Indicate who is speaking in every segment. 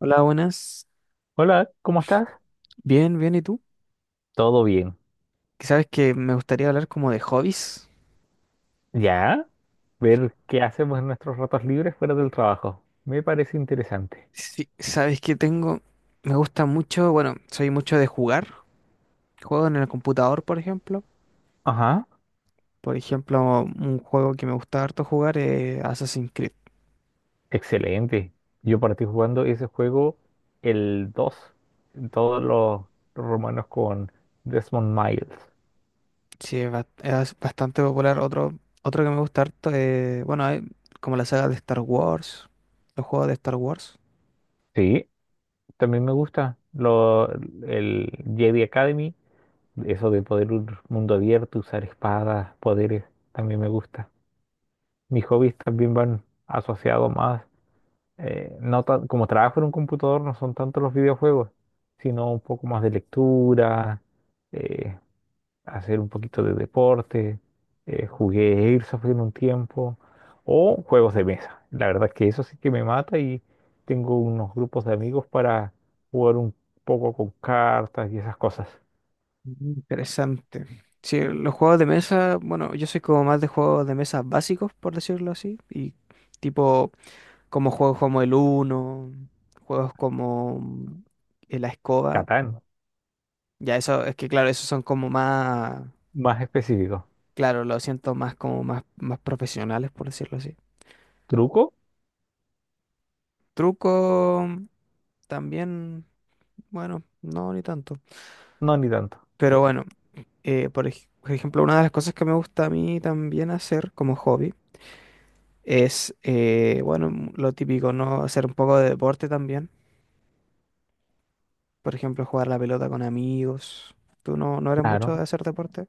Speaker 1: Hola, buenas.
Speaker 2: Hola, ¿cómo estás?
Speaker 1: Bien, bien, ¿y tú?
Speaker 2: Todo bien.
Speaker 1: Que Sabes que me gustaría hablar como de hobbies.
Speaker 2: Ya, ver qué hacemos en nuestros ratos libres fuera del trabajo. Me parece interesante.
Speaker 1: Sí, sabes que tengo, me gusta mucho, bueno, soy mucho de jugar. Juego en el computador, por ejemplo.
Speaker 2: Ajá,
Speaker 1: Por ejemplo, un juego que me gusta harto jugar es Assassin's Creed.
Speaker 2: excelente. Yo partí jugando ese juego el 2, todos los romanos con Desmond Miles.
Speaker 1: Sí, es, es bastante popular. Otro, otro que me gusta harto es, bueno, hay como la saga de Star Wars, los juegos de Star Wars.
Speaker 2: Sí, también me gusta el Jedi Academy, eso de poder un mundo abierto, usar espadas, poderes, también me gusta. Mis hobbies también van asociados más no como trabajo en un computador no son tanto los videojuegos, sino un poco más de lectura, eh, hacer un poquito de deporte, jugué Airsoft en un tiempo, o juegos de mesa. La verdad es que eso sí que me mata y tengo unos grupos de amigos para jugar un poco con cartas y esas cosas.
Speaker 1: Interesante. Sí, los juegos de mesa, bueno, yo soy como más de juegos de mesa básicos, por decirlo así, y tipo como juegos como el Uno, juegos como la escoba.
Speaker 2: Catán,
Speaker 1: Ya eso, es que claro, esos son como más,
Speaker 2: más específico.
Speaker 1: claro, lo siento más como más, más profesionales, por decirlo así.
Speaker 2: ¿Truco?
Speaker 1: Truco también, bueno, no ni tanto.
Speaker 2: No, ni tanto.
Speaker 1: Pero
Speaker 2: Ya,
Speaker 1: bueno, por por ejemplo, una de las cosas que me gusta a mí también hacer como hobby es, bueno, lo típico, ¿no? Hacer un poco de deporte también. Por ejemplo, jugar la pelota con amigos. ¿Tú no eres mucho de
Speaker 2: claro.
Speaker 1: hacer deporte?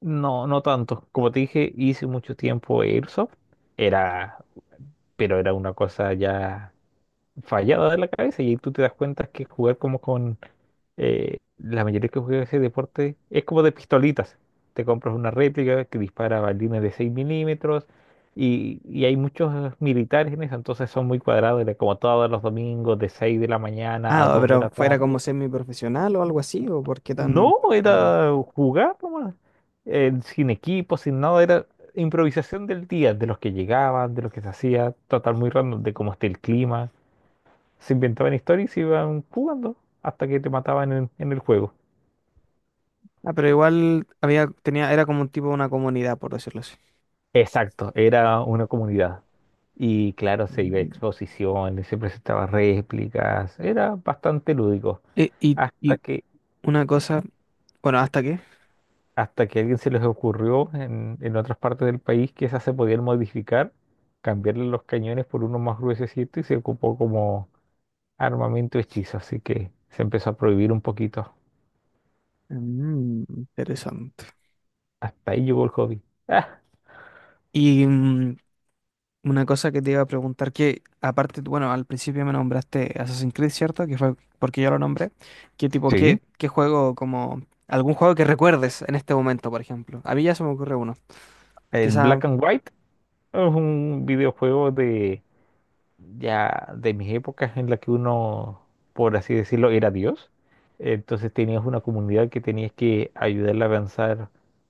Speaker 2: No, no tanto. Como te dije, hice mucho tiempo Airsoft. Era pero era una cosa ya fallada de la cabeza y ahí tú te das cuenta que jugar como con la mayoría que juega ese deporte es como de pistolitas. Te compras una réplica que dispara balines de 6 milímetros y hay muchos militares en eso, entonces son muy cuadrados, era como todos los domingos de 6 de la mañana a
Speaker 1: Ah,
Speaker 2: 2 de
Speaker 1: pero
Speaker 2: la
Speaker 1: fuera como
Speaker 2: tarde.
Speaker 1: semiprofesional o algo así, ¿o por qué tan
Speaker 2: No,
Speaker 1: cuadrado?
Speaker 2: era jugar nomás, sin equipo, sin nada, era improvisación del día, de los que llegaban, de los que se hacía, total muy random, de cómo esté el clima. Se inventaban historias y iban jugando hasta que te mataban en el juego.
Speaker 1: Ah, pero igual había, tenía, era como un tipo de una comunidad, por decirlo así.
Speaker 2: Exacto, era una comunidad. Y claro, se iba a
Speaker 1: Mm.
Speaker 2: exposiciones, se presentaban réplicas, era bastante lúdico. Hasta
Speaker 1: Y
Speaker 2: que,
Speaker 1: una cosa, bueno, ¿hasta qué?
Speaker 2: hasta que a alguien se les ocurrió en otras partes del país que esas se podían modificar, cambiarle los cañones por uno más gruesecito y se ocupó como armamento hechizo. Así que se empezó a prohibir un poquito.
Speaker 1: Mm, interesante.
Speaker 2: Hasta ahí llegó el hobby. Ah,
Speaker 1: Y una cosa que te iba a preguntar, que aparte, bueno, al principio me nombraste Assassin's Creed, ¿cierto? Que fue porque yo lo nombré. ¿Qué tipo,
Speaker 2: sí.
Speaker 1: qué, qué juego, como algún juego que recuerdes en este momento, por ejemplo? A mí ya se me ocurre uno.
Speaker 2: El
Speaker 1: Quizá
Speaker 2: black and white es un videojuego de ya de mis épocas en la que uno, por así decirlo, era Dios. Entonces tenías una comunidad que tenías que ayudarla a avanzar,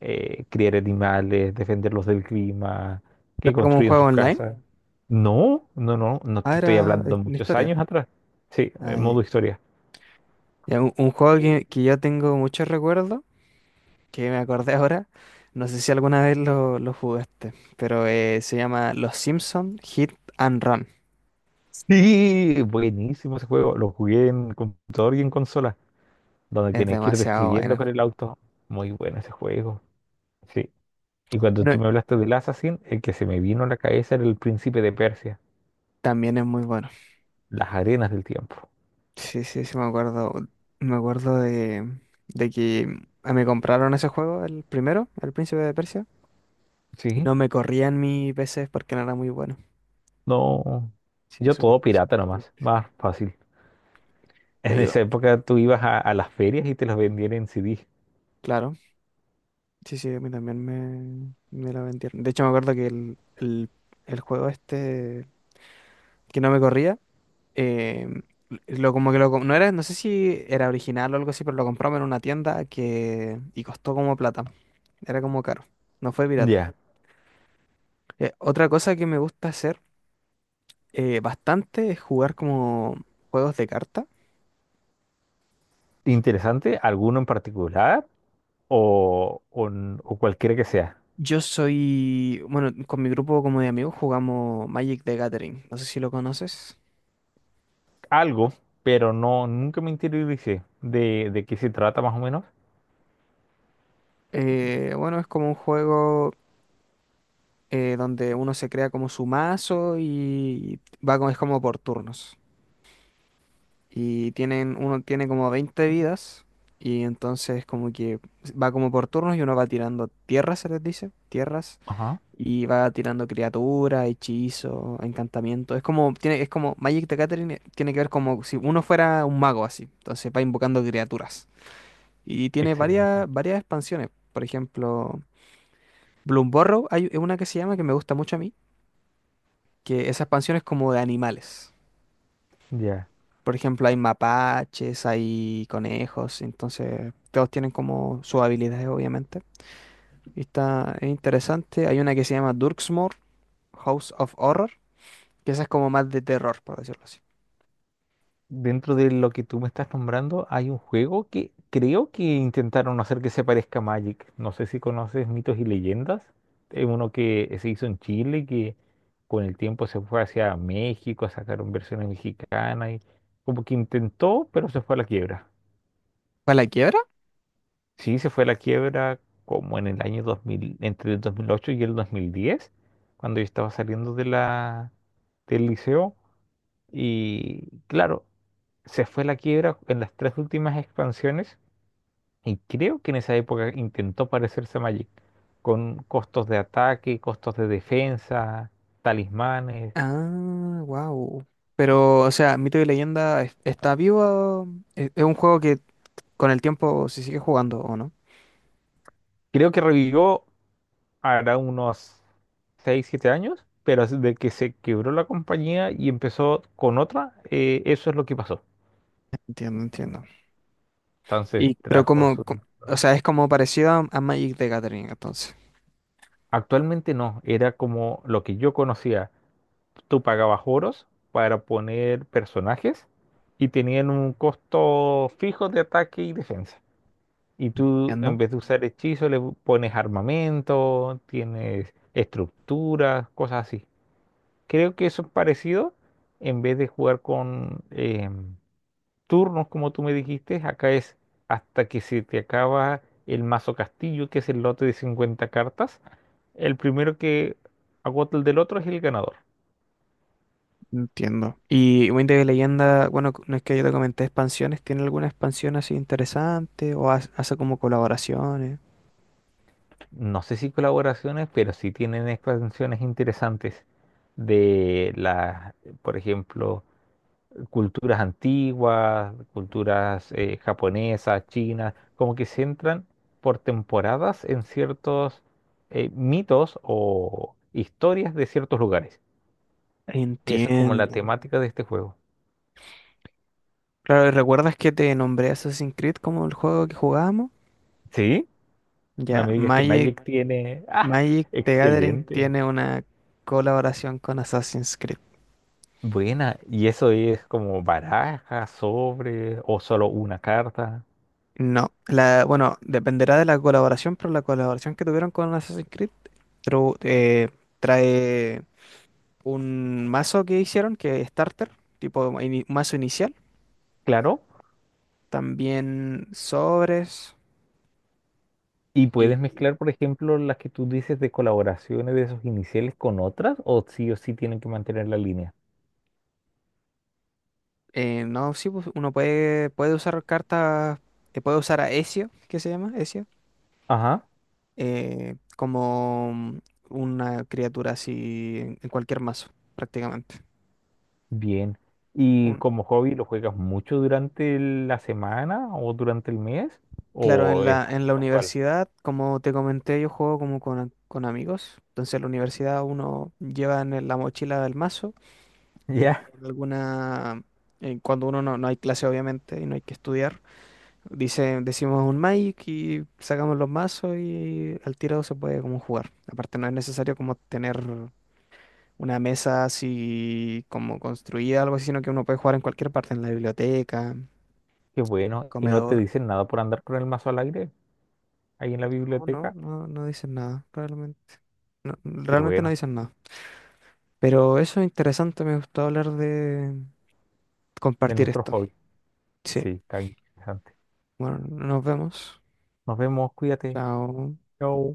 Speaker 2: criar animales, defenderlos del clima,
Speaker 1: era
Speaker 2: que
Speaker 1: como un
Speaker 2: construyan
Speaker 1: juego
Speaker 2: sus
Speaker 1: online.
Speaker 2: casas. No, te
Speaker 1: Ah,
Speaker 2: estoy
Speaker 1: era
Speaker 2: hablando
Speaker 1: una
Speaker 2: muchos
Speaker 1: historia.
Speaker 2: años atrás. Sí, en modo
Speaker 1: Ay,
Speaker 2: historia.
Speaker 1: ya, un juego
Speaker 2: Eh,
Speaker 1: que yo tengo muchos recuerdos, que me acordé ahora. No sé si alguna vez lo jugaste, pero se llama Los Simpson Hit and Run.
Speaker 2: Sí, buenísimo ese juego. Lo jugué en computador y en consola, donde
Speaker 1: Es
Speaker 2: tenías que ir
Speaker 1: demasiado
Speaker 2: destruyendo
Speaker 1: bueno.
Speaker 2: con el auto. Muy bueno ese juego. Sí. Y cuando tú
Speaker 1: Bueno,
Speaker 2: me hablaste del Assassin, el que se me vino a la cabeza era el príncipe de Persia,
Speaker 1: también es muy bueno.
Speaker 2: las arenas del tiempo.
Speaker 1: Sí, sí, sí, me acuerdo. Me acuerdo de que me compraron ese juego, el primero, El Príncipe de Persia, y
Speaker 2: Sí.
Speaker 1: no me corrían mi PC porque no era muy bueno.
Speaker 2: No,
Speaker 1: Sí,
Speaker 2: yo
Speaker 1: súper,
Speaker 2: todo pirata
Speaker 1: súper
Speaker 2: nomás,
Speaker 1: triste.
Speaker 2: más fácil.
Speaker 1: Y ahí,
Speaker 2: En
Speaker 1: digo,
Speaker 2: esa época tú ibas a las ferias y te los vendían en CD.
Speaker 1: claro, sí, sí, a mí también me la vendieron. De hecho, me acuerdo que el juego este que no me corría, eh, lo como que lo, no era, no sé si era original o algo así, pero lo compramos en una tienda que, y costó como plata. Era como caro. No fue pirata.
Speaker 2: Ya.
Speaker 1: Otra cosa que me gusta hacer bastante es jugar como juegos de carta.
Speaker 2: Interesante, alguno en particular o o cualquiera que sea.
Speaker 1: Yo soy, bueno, con mi grupo como de amigos jugamos Magic the Gathering. No sé si lo conoces.
Speaker 2: Algo, pero no, nunca me interioricé de qué se trata más o menos.
Speaker 1: Bueno, es como un juego donde uno se crea como su mazo y va como, es como por turnos. Y tienen, uno tiene como 20 vidas y entonces como que va como por turnos y uno va tirando tierras, se les dice, tierras.
Speaker 2: Ajá.
Speaker 1: Y va tirando criaturas, hechizos, encantamientos. Es como, tiene, es como Magic the Gathering tiene que ver como si uno fuera un mago así. Entonces va invocando criaturas. Y tiene varias,
Speaker 2: Excelente.
Speaker 1: varias expansiones. Por ejemplo, Bloomburrow hay una que se llama que me gusta mucho a mí, que esa expansión es como de animales.
Speaker 2: Ya.
Speaker 1: Por ejemplo, hay mapaches, hay conejos, entonces todos tienen como sus habilidades, obviamente. Y está es interesante. Hay una que se llama Durksmore, House of Horror, que esa es como más de terror, por decirlo así.
Speaker 2: Dentro de lo que tú me estás nombrando, hay un juego que creo que intentaron hacer que se parezca a Magic. No sé si conoces Mitos y Leyendas. Es uno que se hizo en Chile, que con el tiempo se fue hacia México, sacaron versiones mexicanas y como que intentó, pero se fue a la quiebra.
Speaker 1: ¿Para la quiebra?
Speaker 2: Sí, se fue a la quiebra como en el año 2000, entre el 2008 y el 2010, cuando yo estaba saliendo de del liceo. Y claro, se fue a la quiebra en las tres últimas expansiones y creo que en esa época intentó parecerse a Magic, con costos de ataque, costos de defensa, talismanes.
Speaker 1: Ah, wow. Pero, o sea, Mito y Leyenda está vivo. Es un juego que con el tiempo se sigue jugando, ¿o no?
Speaker 2: Creo que revivió hará unos 6 7 años, pero desde que se quebró la compañía y empezó con otra, eso es lo que pasó.
Speaker 1: Entiendo, entiendo.
Speaker 2: Entonces
Speaker 1: Y pero
Speaker 2: trajo
Speaker 1: como,
Speaker 2: su...
Speaker 1: o sea, es como parecido a Magic the Gathering, entonces.
Speaker 2: Actualmente no, era como lo que yo conocía, tú pagabas oros para poner personajes y tenían un costo fijo de ataque y defensa. Y tú, en
Speaker 1: Entiendo.
Speaker 2: vez de usar hechizos, le pones armamento, tienes estructuras, cosas así. Creo que eso es parecido. En vez de jugar con turnos, como tú me dijiste, acá es hasta que se te acaba el mazo castillo, que es el lote de 50 cartas. El primero que agota el del otro es el ganador.
Speaker 1: Entiendo. Y Mito y Leyenda, bueno, no es que yo te comenté expansiones, ¿tiene alguna expansión así interesante? ¿O hace como colaboraciones?
Speaker 2: No sé si colaboraciones, pero sí tienen expansiones interesantes de las, por ejemplo, culturas antiguas, culturas japonesas, chinas, como que se entran por temporadas en ciertos mitos o historias de ciertos lugares. Y esa es como la mm,
Speaker 1: Entiendo.
Speaker 2: temática de este juego.
Speaker 1: Claro, ¿y recuerdas que te nombré Assassin's Creed como el juego que jugábamos?
Speaker 2: ¿Sí? No
Speaker 1: Ya,
Speaker 2: me digas que
Speaker 1: Magic.
Speaker 2: Magic tiene... ¡Ah!
Speaker 1: Magic
Speaker 2: Mm,
Speaker 1: the Gathering
Speaker 2: excelente.
Speaker 1: tiene una colaboración con Assassin's Creed.
Speaker 2: Buena, ¿y eso es como baraja, sobre o solo una carta?
Speaker 1: No, la, bueno, dependerá de la colaboración, pero la colaboración que tuvieron con Assassin's Creed tru- eh, trae un mazo que hicieron, que es starter, tipo mazo inicial,
Speaker 2: Claro,
Speaker 1: también sobres
Speaker 2: y puedes
Speaker 1: y
Speaker 2: mezclar, por ejemplo, las que tú dices de colaboraciones de esos iniciales con otras, o sí tienen que mantener la línea.
Speaker 1: no, sí, pues, uno puede, puede usar cartas, puede usar a Ezio, ¿que se llama? Ezio
Speaker 2: Ajá,
Speaker 1: como una criatura así en cualquier mazo, prácticamente.
Speaker 2: bien. ¿Y
Speaker 1: Un-
Speaker 2: como hobby lo juegas mucho durante la semana o durante el mes?
Speaker 1: claro,
Speaker 2: ¿O es
Speaker 1: en la
Speaker 2: casual?
Speaker 1: universidad, como te comenté, yo juego como con amigos. Entonces en la universidad uno lleva en la mochila del mazo y
Speaker 2: Ya,
Speaker 1: en alguna... cuando uno no, no hay clase, obviamente, y no hay que estudiar, dice, decimos un Magic y sacamos los mazos y al tiro se puede como jugar. Aparte, no es necesario como tener una mesa así como construida, algo así, sino que uno puede jugar en cualquier parte, en la biblioteca,
Speaker 2: qué bueno. ¿Y no te
Speaker 1: comedor.
Speaker 2: dicen nada por andar con el mazo al aire ahí en la
Speaker 1: No, no,
Speaker 2: biblioteca?
Speaker 1: no, no dicen nada, realmente. No,
Speaker 2: Qué
Speaker 1: realmente no
Speaker 2: bueno,
Speaker 1: dicen nada. Pero eso es interesante, me gustó hablar de
Speaker 2: de
Speaker 1: compartir
Speaker 2: nuestros
Speaker 1: esto.
Speaker 2: hobbies.
Speaker 1: Sí,
Speaker 2: Sí, está interesante.
Speaker 1: bueno, nos vemos.
Speaker 2: Nos vemos, cuídate.
Speaker 1: Chao.
Speaker 2: Yo.